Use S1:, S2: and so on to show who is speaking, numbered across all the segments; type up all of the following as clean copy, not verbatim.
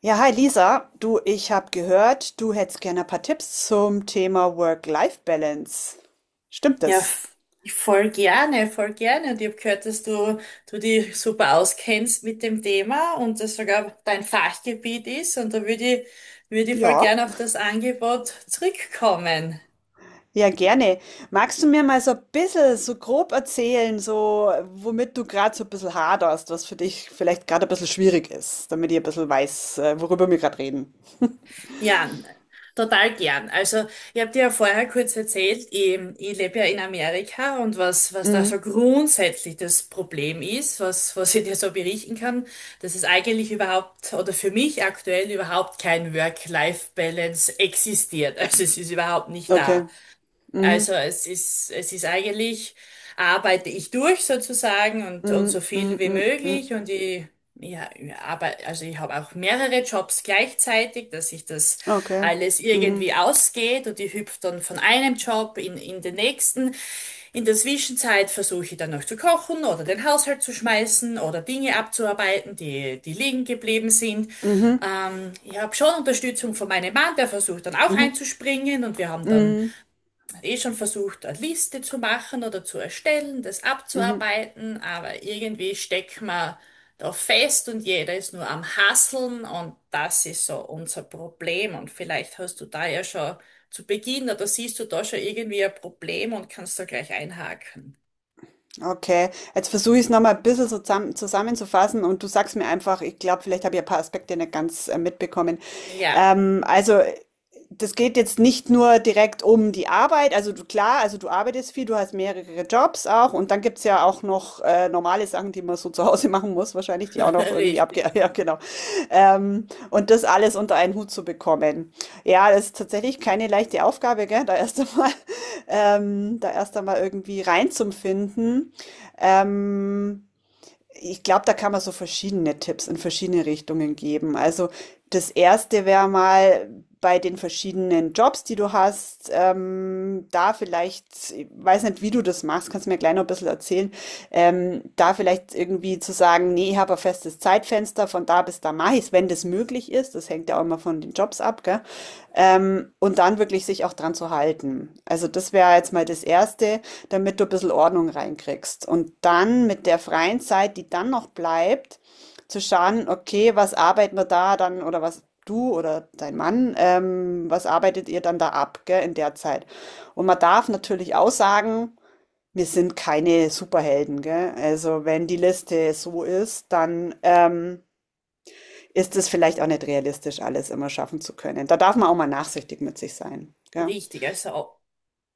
S1: Ja, hi Lisa, du, ich habe gehört, du hättest gerne ein paar Tipps zum Thema Work-Life-Balance. Stimmt
S2: Ja,
S1: das?
S2: voll gerne, voll gerne. Und ich habe gehört, dass du dich super auskennst mit dem Thema und das sogar dein Fachgebiet ist. Und da ich, würde ich voll
S1: Ja,
S2: gerne auf das Angebot zurückkommen.
S1: ja, gerne. Magst du mir mal so ein bisschen, so grob erzählen, so womit du gerade so ein bisschen haderst, was für dich vielleicht gerade ein bisschen schwierig ist, damit ich ein bisschen weiß, worüber wir gerade reden?
S2: Ja, total gern. Also, ich habe dir ja vorher kurz erzählt, ich lebe ja in Amerika und was da so
S1: Mhm.
S2: grundsätzlich das Problem ist, was ich dir so berichten kann, dass es eigentlich überhaupt oder für mich aktuell überhaupt kein Work-Life-Balance existiert. Also, es ist überhaupt nicht
S1: Okay.
S2: da. Also
S1: Mhm.
S2: es ist eigentlich, arbeite ich durch sozusagen und so
S1: Mhm. Mhm.
S2: viel wie
S1: Mhm. Mhm.
S2: möglich und ich, ja, aber, also ich habe auch mehrere Jobs gleichzeitig, dass sich das
S1: Okay.
S2: alles irgendwie
S1: Mhm.
S2: ausgeht und ich hüpfe dann von einem Job in den nächsten. In der Zwischenzeit versuche ich dann noch zu kochen oder den Haushalt zu schmeißen oder Dinge abzuarbeiten, die liegen geblieben sind.
S1: Mhm.
S2: Ich habe schon Unterstützung von meinem Mann, der versucht dann auch
S1: Mhm.
S2: einzuspringen und wir haben dann
S1: Mhm.
S2: eh schon versucht, eine Liste zu machen oder zu erstellen, das
S1: Mhm.
S2: abzuarbeiten, aber irgendwie steckt man da fest und jeder ist nur am Hasseln und das ist so unser Problem. Und vielleicht hast du da ja schon zu Beginn oder siehst du da schon irgendwie ein Problem und kannst da gleich einhaken.
S1: Okay, jetzt versuche ich es nochmal ein bisschen so zusammenzufassen und du sagst mir einfach. Ich glaube, vielleicht habe ich ein paar Aspekte nicht ganz mitbekommen.
S2: Ja,
S1: Ähm, also, äh, Das geht jetzt nicht nur direkt um die Arbeit, also du, klar, also du arbeitest viel, du hast mehrere Jobs auch, und dann gibt es ja auch noch normale Sachen, die man so zu Hause machen muss, wahrscheinlich, die auch noch irgendwie abge...
S2: richtig.
S1: Ja, genau. Und das alles unter einen Hut zu bekommen. Ja, das ist tatsächlich keine leichte Aufgabe, gell? Da erst einmal, da erst einmal irgendwie reinzufinden. Ähm, Ich glaube, da kann man so verschiedene Tipps in verschiedene Richtungen geben. Also das Erste wäre mal bei den verschiedenen Jobs, die du hast, da vielleicht, ich weiß nicht, wie du das machst, kannst du mir gleich noch ein bisschen erzählen, da vielleicht irgendwie zu sagen, nee, ich habe ein festes Zeitfenster, von da bis da mache ich es, wenn das möglich ist. Das hängt ja auch immer von den Jobs ab, gell? Und dann wirklich sich auch dran zu halten. Also das wäre jetzt mal das Erste, damit du ein bisschen Ordnung reinkriegst. Und dann mit der freien Zeit, die dann noch bleibt, zu schauen, okay, was arbeiten wir da dann, oder was du oder dein Mann, was arbeitet ihr dann da ab, gell, in der Zeit. Und man darf natürlich auch sagen, wir sind keine Superhelden, gell. Also wenn die Liste so ist, dann ist es vielleicht auch nicht realistisch, alles immer schaffen zu können. Da darf man auch mal nachsichtig mit sich sein. Gell?
S2: Richtig. Also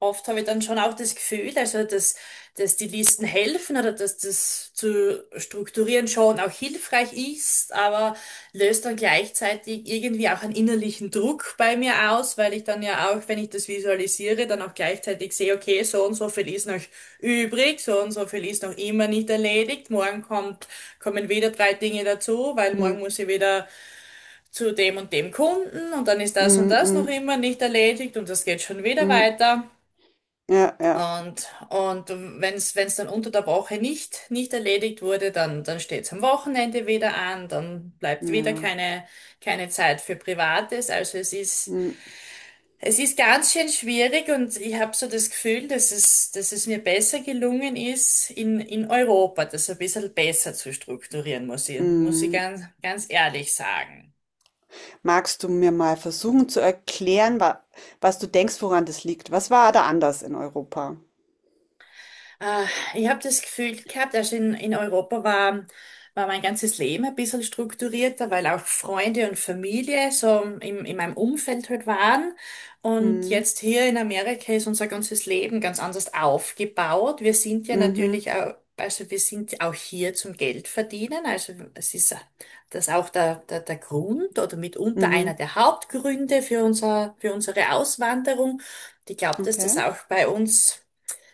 S2: oft habe ich dann schon auch das Gefühl, also dass die Listen helfen oder dass das zu strukturieren schon auch hilfreich ist, aber löst dann gleichzeitig irgendwie auch einen innerlichen Druck bei mir aus, weil ich dann ja auch, wenn ich das visualisiere, dann auch gleichzeitig sehe, okay, so und so viel ist noch übrig, so und so viel ist noch immer nicht erledigt, morgen kommen wieder drei Dinge dazu, weil morgen
S1: Mm,
S2: muss ich wieder zu dem und dem Kunden und dann ist das und
S1: mm,
S2: das noch
S1: mm,
S2: immer nicht erledigt und das geht schon wieder
S1: mm.
S2: weiter.
S1: Ja, ja,
S2: Und, und wenn es dann unter der Woche nicht erledigt wurde, dann steht es am Wochenende wieder an, dann bleibt wieder
S1: ja.
S2: keine Zeit für Privates. Also es ist,
S1: Mm,
S2: es ist ganz schön schwierig und ich habe so das Gefühl, dass es mir besser gelungen ist, in Europa das ein bisschen besser zu strukturieren, muss ich
S1: mm.
S2: ganz, ganz ehrlich sagen.
S1: Magst du mir mal versuchen zu erklären, wa was du denkst, woran das liegt? Was war da anders in Europa?
S2: Äh, Ich habe das Gefühl gehabt, also in Europa war mein ganzes Leben ein bisschen strukturierter, weil auch Freunde und Familie so in meinem Umfeld halt waren. Und
S1: Mm,
S2: jetzt hier in Amerika ist unser ganzes Leben ganz anders aufgebaut. Wir sind ja
S1: mhm,
S2: natürlich auch, also wir sind ja auch hier zum Geld verdienen. Also es ist das auch der Grund oder mitunter einer
S1: mhm.
S2: der Hauptgründe für unsere Auswanderung. Und ich glaube, dass
S1: Okay.
S2: das auch bei uns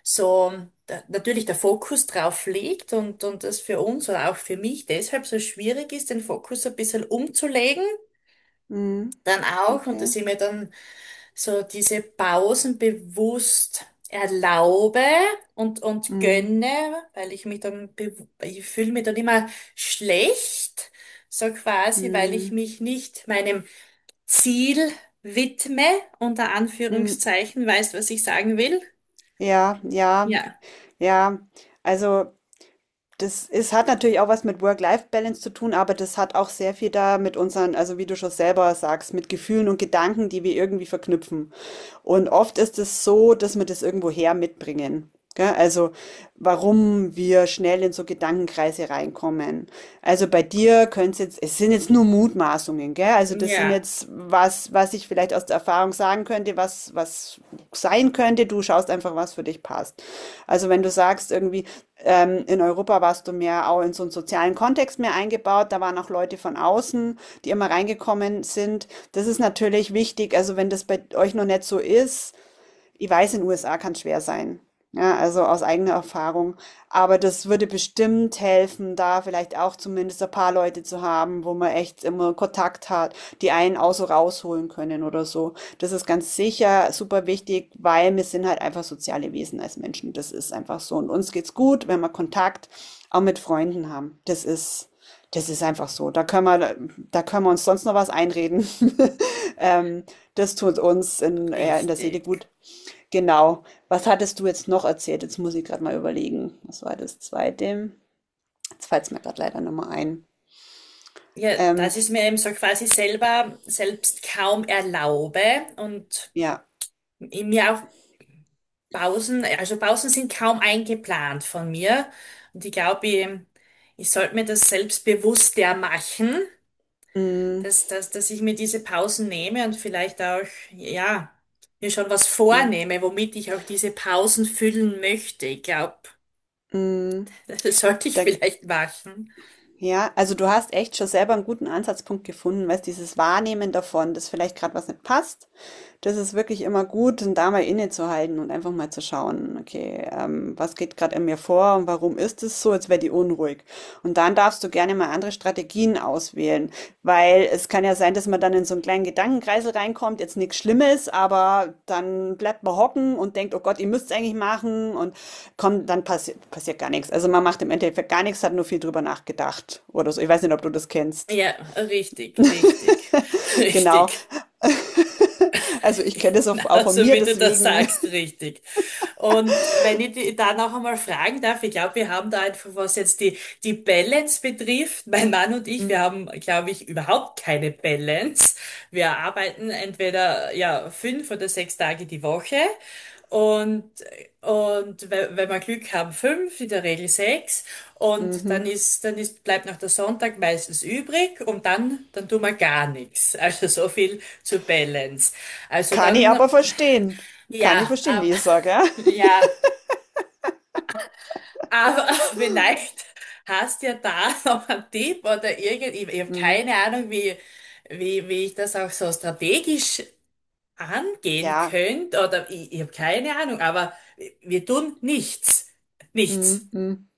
S2: so da, natürlich der Fokus drauf liegt und das für uns oder auch für mich deshalb so schwierig ist, den Fokus ein bisschen umzulegen,
S1: Mm,
S2: dann auch, und
S1: okay.
S2: dass ich mir dann so diese Pausen bewusst erlaube und
S1: Mm,
S2: gönne, weil ich mich dann, ich fühle mich dann immer schlecht, so quasi, weil ich
S1: mm,
S2: mich nicht meinem Ziel widme, unter
S1: mm.
S2: Anführungszeichen, weißt, was ich sagen will?
S1: Ja, ja,
S2: Ja.
S1: ja. Also das ist, hat natürlich auch was mit Work-Life-Balance zu tun, aber das hat auch sehr viel da mit unseren, also wie du schon selber sagst, mit Gefühlen und Gedanken, die wir irgendwie verknüpfen. Und oft ist es so, dass wir das irgendwoher mitbringen. Gell? Also, warum wir schnell in so Gedankenkreise reinkommen. Also bei dir könnte es jetzt, es sind jetzt nur Mutmaßungen, gell? Also das sind
S2: Ja,
S1: jetzt was, was ich vielleicht aus der Erfahrung sagen könnte, was, was sein könnte. Du schaust einfach, was für dich passt. Also wenn du sagst, irgendwie, in Europa warst du mehr auch in so einen sozialen Kontext mehr eingebaut, da waren auch Leute von außen, die immer reingekommen sind. Das ist natürlich wichtig. Also wenn das bei euch noch nicht so ist, ich weiß, in den USA kann es schwer sein. Ja, also aus eigener Erfahrung. Aber das würde bestimmt helfen, da vielleicht auch zumindest ein paar Leute zu haben, wo man echt immer Kontakt hat, die einen auch so rausholen können oder so. Das ist ganz sicher super wichtig, weil wir sind halt einfach soziale Wesen als Menschen. Das ist einfach so. Und uns geht's gut, wenn wir Kontakt auch mit Freunden haben. Das ist einfach so. Da können wir uns sonst noch was einreden. Ähm, Das tut uns in, ja, in der Seele
S2: richtig.
S1: gut. Genau. Was hattest du jetzt noch erzählt? Jetzt muss ich gerade mal überlegen. Was war das Zweite? Jetzt fällt es mir gerade leider nochmal ein.
S2: Ja,
S1: Ähm,
S2: dass ich es mir eben so quasi selber selbst kaum erlaube und
S1: ja.
S2: in mir auch Pausen, also Pausen sind kaum eingeplant von mir. Und ich glaube, ich sollte mir das selbst bewusster machen,
S1: Mm,
S2: dass ich mir diese Pausen nehme und vielleicht auch, ja, mir schon was
S1: mm,
S2: vornehme, womit ich auch diese Pausen füllen möchte. Ich glaube,
S1: mm.
S2: das sollte ich
S1: Da,
S2: vielleicht machen.
S1: ja, also du hast echt schon selber einen guten Ansatzpunkt gefunden, weißt, dieses Wahrnehmen davon, dass vielleicht gerade was nicht passt. Das ist wirklich immer gut, dann da mal innezuhalten und einfach mal zu schauen, okay, was geht gerade in mir vor und warum ist es so, als wäre die unruhig. Und dann darfst du gerne mal andere Strategien auswählen, weil es kann ja sein, dass man dann in so einen kleinen Gedankenkreisel reinkommt, jetzt nichts Schlimmes, aber dann bleibt man hocken und denkt, oh Gott, ihr müsst es eigentlich machen und kommt, dann passiert gar nichts. Also man macht im Endeffekt gar nichts, hat nur viel drüber nachgedacht oder so. Ich weiß nicht, ob du das kennst.
S2: Ja, richtig, richtig,
S1: Genau.
S2: richtig.
S1: Also ich kenne das auch, auch von
S2: Genauso
S1: mir,
S2: wie du das
S1: deswegen.
S2: sagst, richtig. Und wenn ich die da noch einmal fragen darf, ich glaube, wir haben da einfach, was jetzt die Balance betrifft, mein Mann und ich, wir haben, glaube ich, überhaupt keine Balance. Wir arbeiten entweder, ja, 5 oder 6 Tage die Woche und, wenn wir Glück haben, fünf, in der Regel sechs und
S1: Mhm.
S2: bleibt noch der Sonntag meistens übrig und dann tun wir gar nichts. Also so viel zur Balance. Also
S1: Kann ich
S2: dann,
S1: aber verstehen. Kann ich
S2: ja,
S1: verstehen,
S2: ab-
S1: Lisa, gell?
S2: ja. Aber vielleicht hast ja da noch einen Tipp oder irgend, ich habe
S1: Mhm.
S2: keine Ahnung, wie ich das auch so strategisch angehen
S1: Ja.
S2: könnte oder ich habe keine Ahnung, aber wir tun nichts. Nichts.
S1: Mhm, mhm.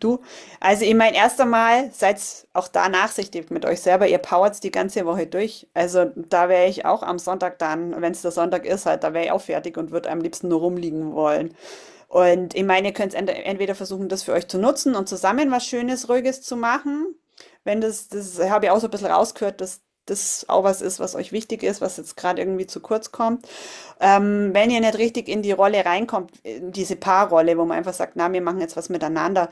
S1: Du, also ich meine, erst einmal seid auch da nachsichtig mit euch selber. Ihr powert's die ganze Woche durch. Also da wäre ich auch am Sonntag dann, wenn es der Sonntag ist, halt, da wäre ich auch fertig und würde am liebsten nur rumliegen wollen. Und ich meine, ihr könnt entweder versuchen, das für euch zu nutzen und zusammen was Schönes, Ruhiges zu machen. Wenn das, das habe ich auch so ein bisschen rausgehört, dass das auch was ist, was euch wichtig ist, was jetzt gerade irgendwie zu kurz kommt. Wenn ihr nicht richtig in die Rolle reinkommt, in diese Paarrolle, wo man einfach sagt, na, wir machen jetzt was miteinander,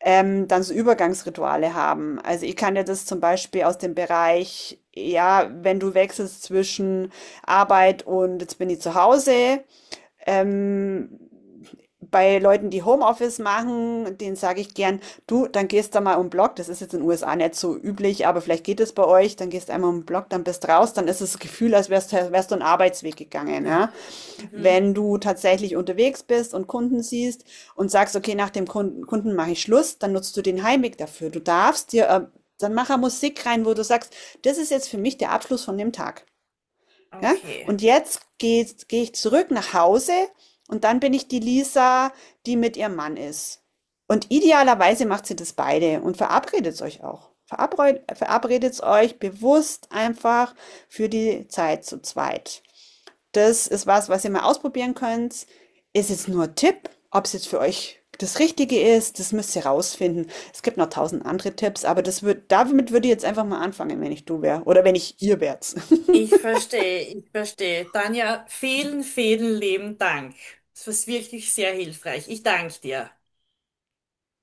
S1: dann so Übergangsrituale haben. Also ich kann ja das zum Beispiel aus dem Bereich, ja, wenn du wechselst zwischen Arbeit und jetzt bin ich zu Hause, ähm, bei Leuten, die Homeoffice machen, denen sage ich gern, du, dann gehst da mal um den Block, das ist jetzt in den USA nicht so üblich, aber vielleicht geht es bei euch, dann gehst einmal um den Block, dann bist raus, dann ist das Gefühl, als wärst, wärst du einen Arbeitsweg gegangen,
S2: Da-
S1: ja.
S2: Mhm.
S1: Wenn du tatsächlich unterwegs bist und Kunden siehst und sagst, okay, nach dem Kunden, Kunden mache ich Schluss, dann nutzt du den Heimweg dafür. Du darfst dir, dann mach Musik rein, wo du sagst, das ist jetzt für mich der Abschluss von dem Tag. Ja?
S2: Okay.
S1: Und jetzt geh ich zurück nach Hause und dann bin ich die Lisa, die mit ihrem Mann ist. Und idealerweise macht sie das beide und verabredet euch auch. Verabredet euch bewusst einfach für die Zeit zu zweit. Das ist was, was ihr mal ausprobieren könnt. Ist jetzt nur ein Tipp, ob es jetzt für euch das Richtige ist, das müsst ihr rausfinden. Es gibt noch tausend andere Tipps, aber das würd, damit würde ich jetzt einfach mal anfangen, wenn ich du wäre oder wenn ich ihr wärt.
S2: Ich verstehe, ich verstehe. Tanja, vielen, vielen lieben Dank. Das war wirklich sehr hilfreich. Ich danke dir.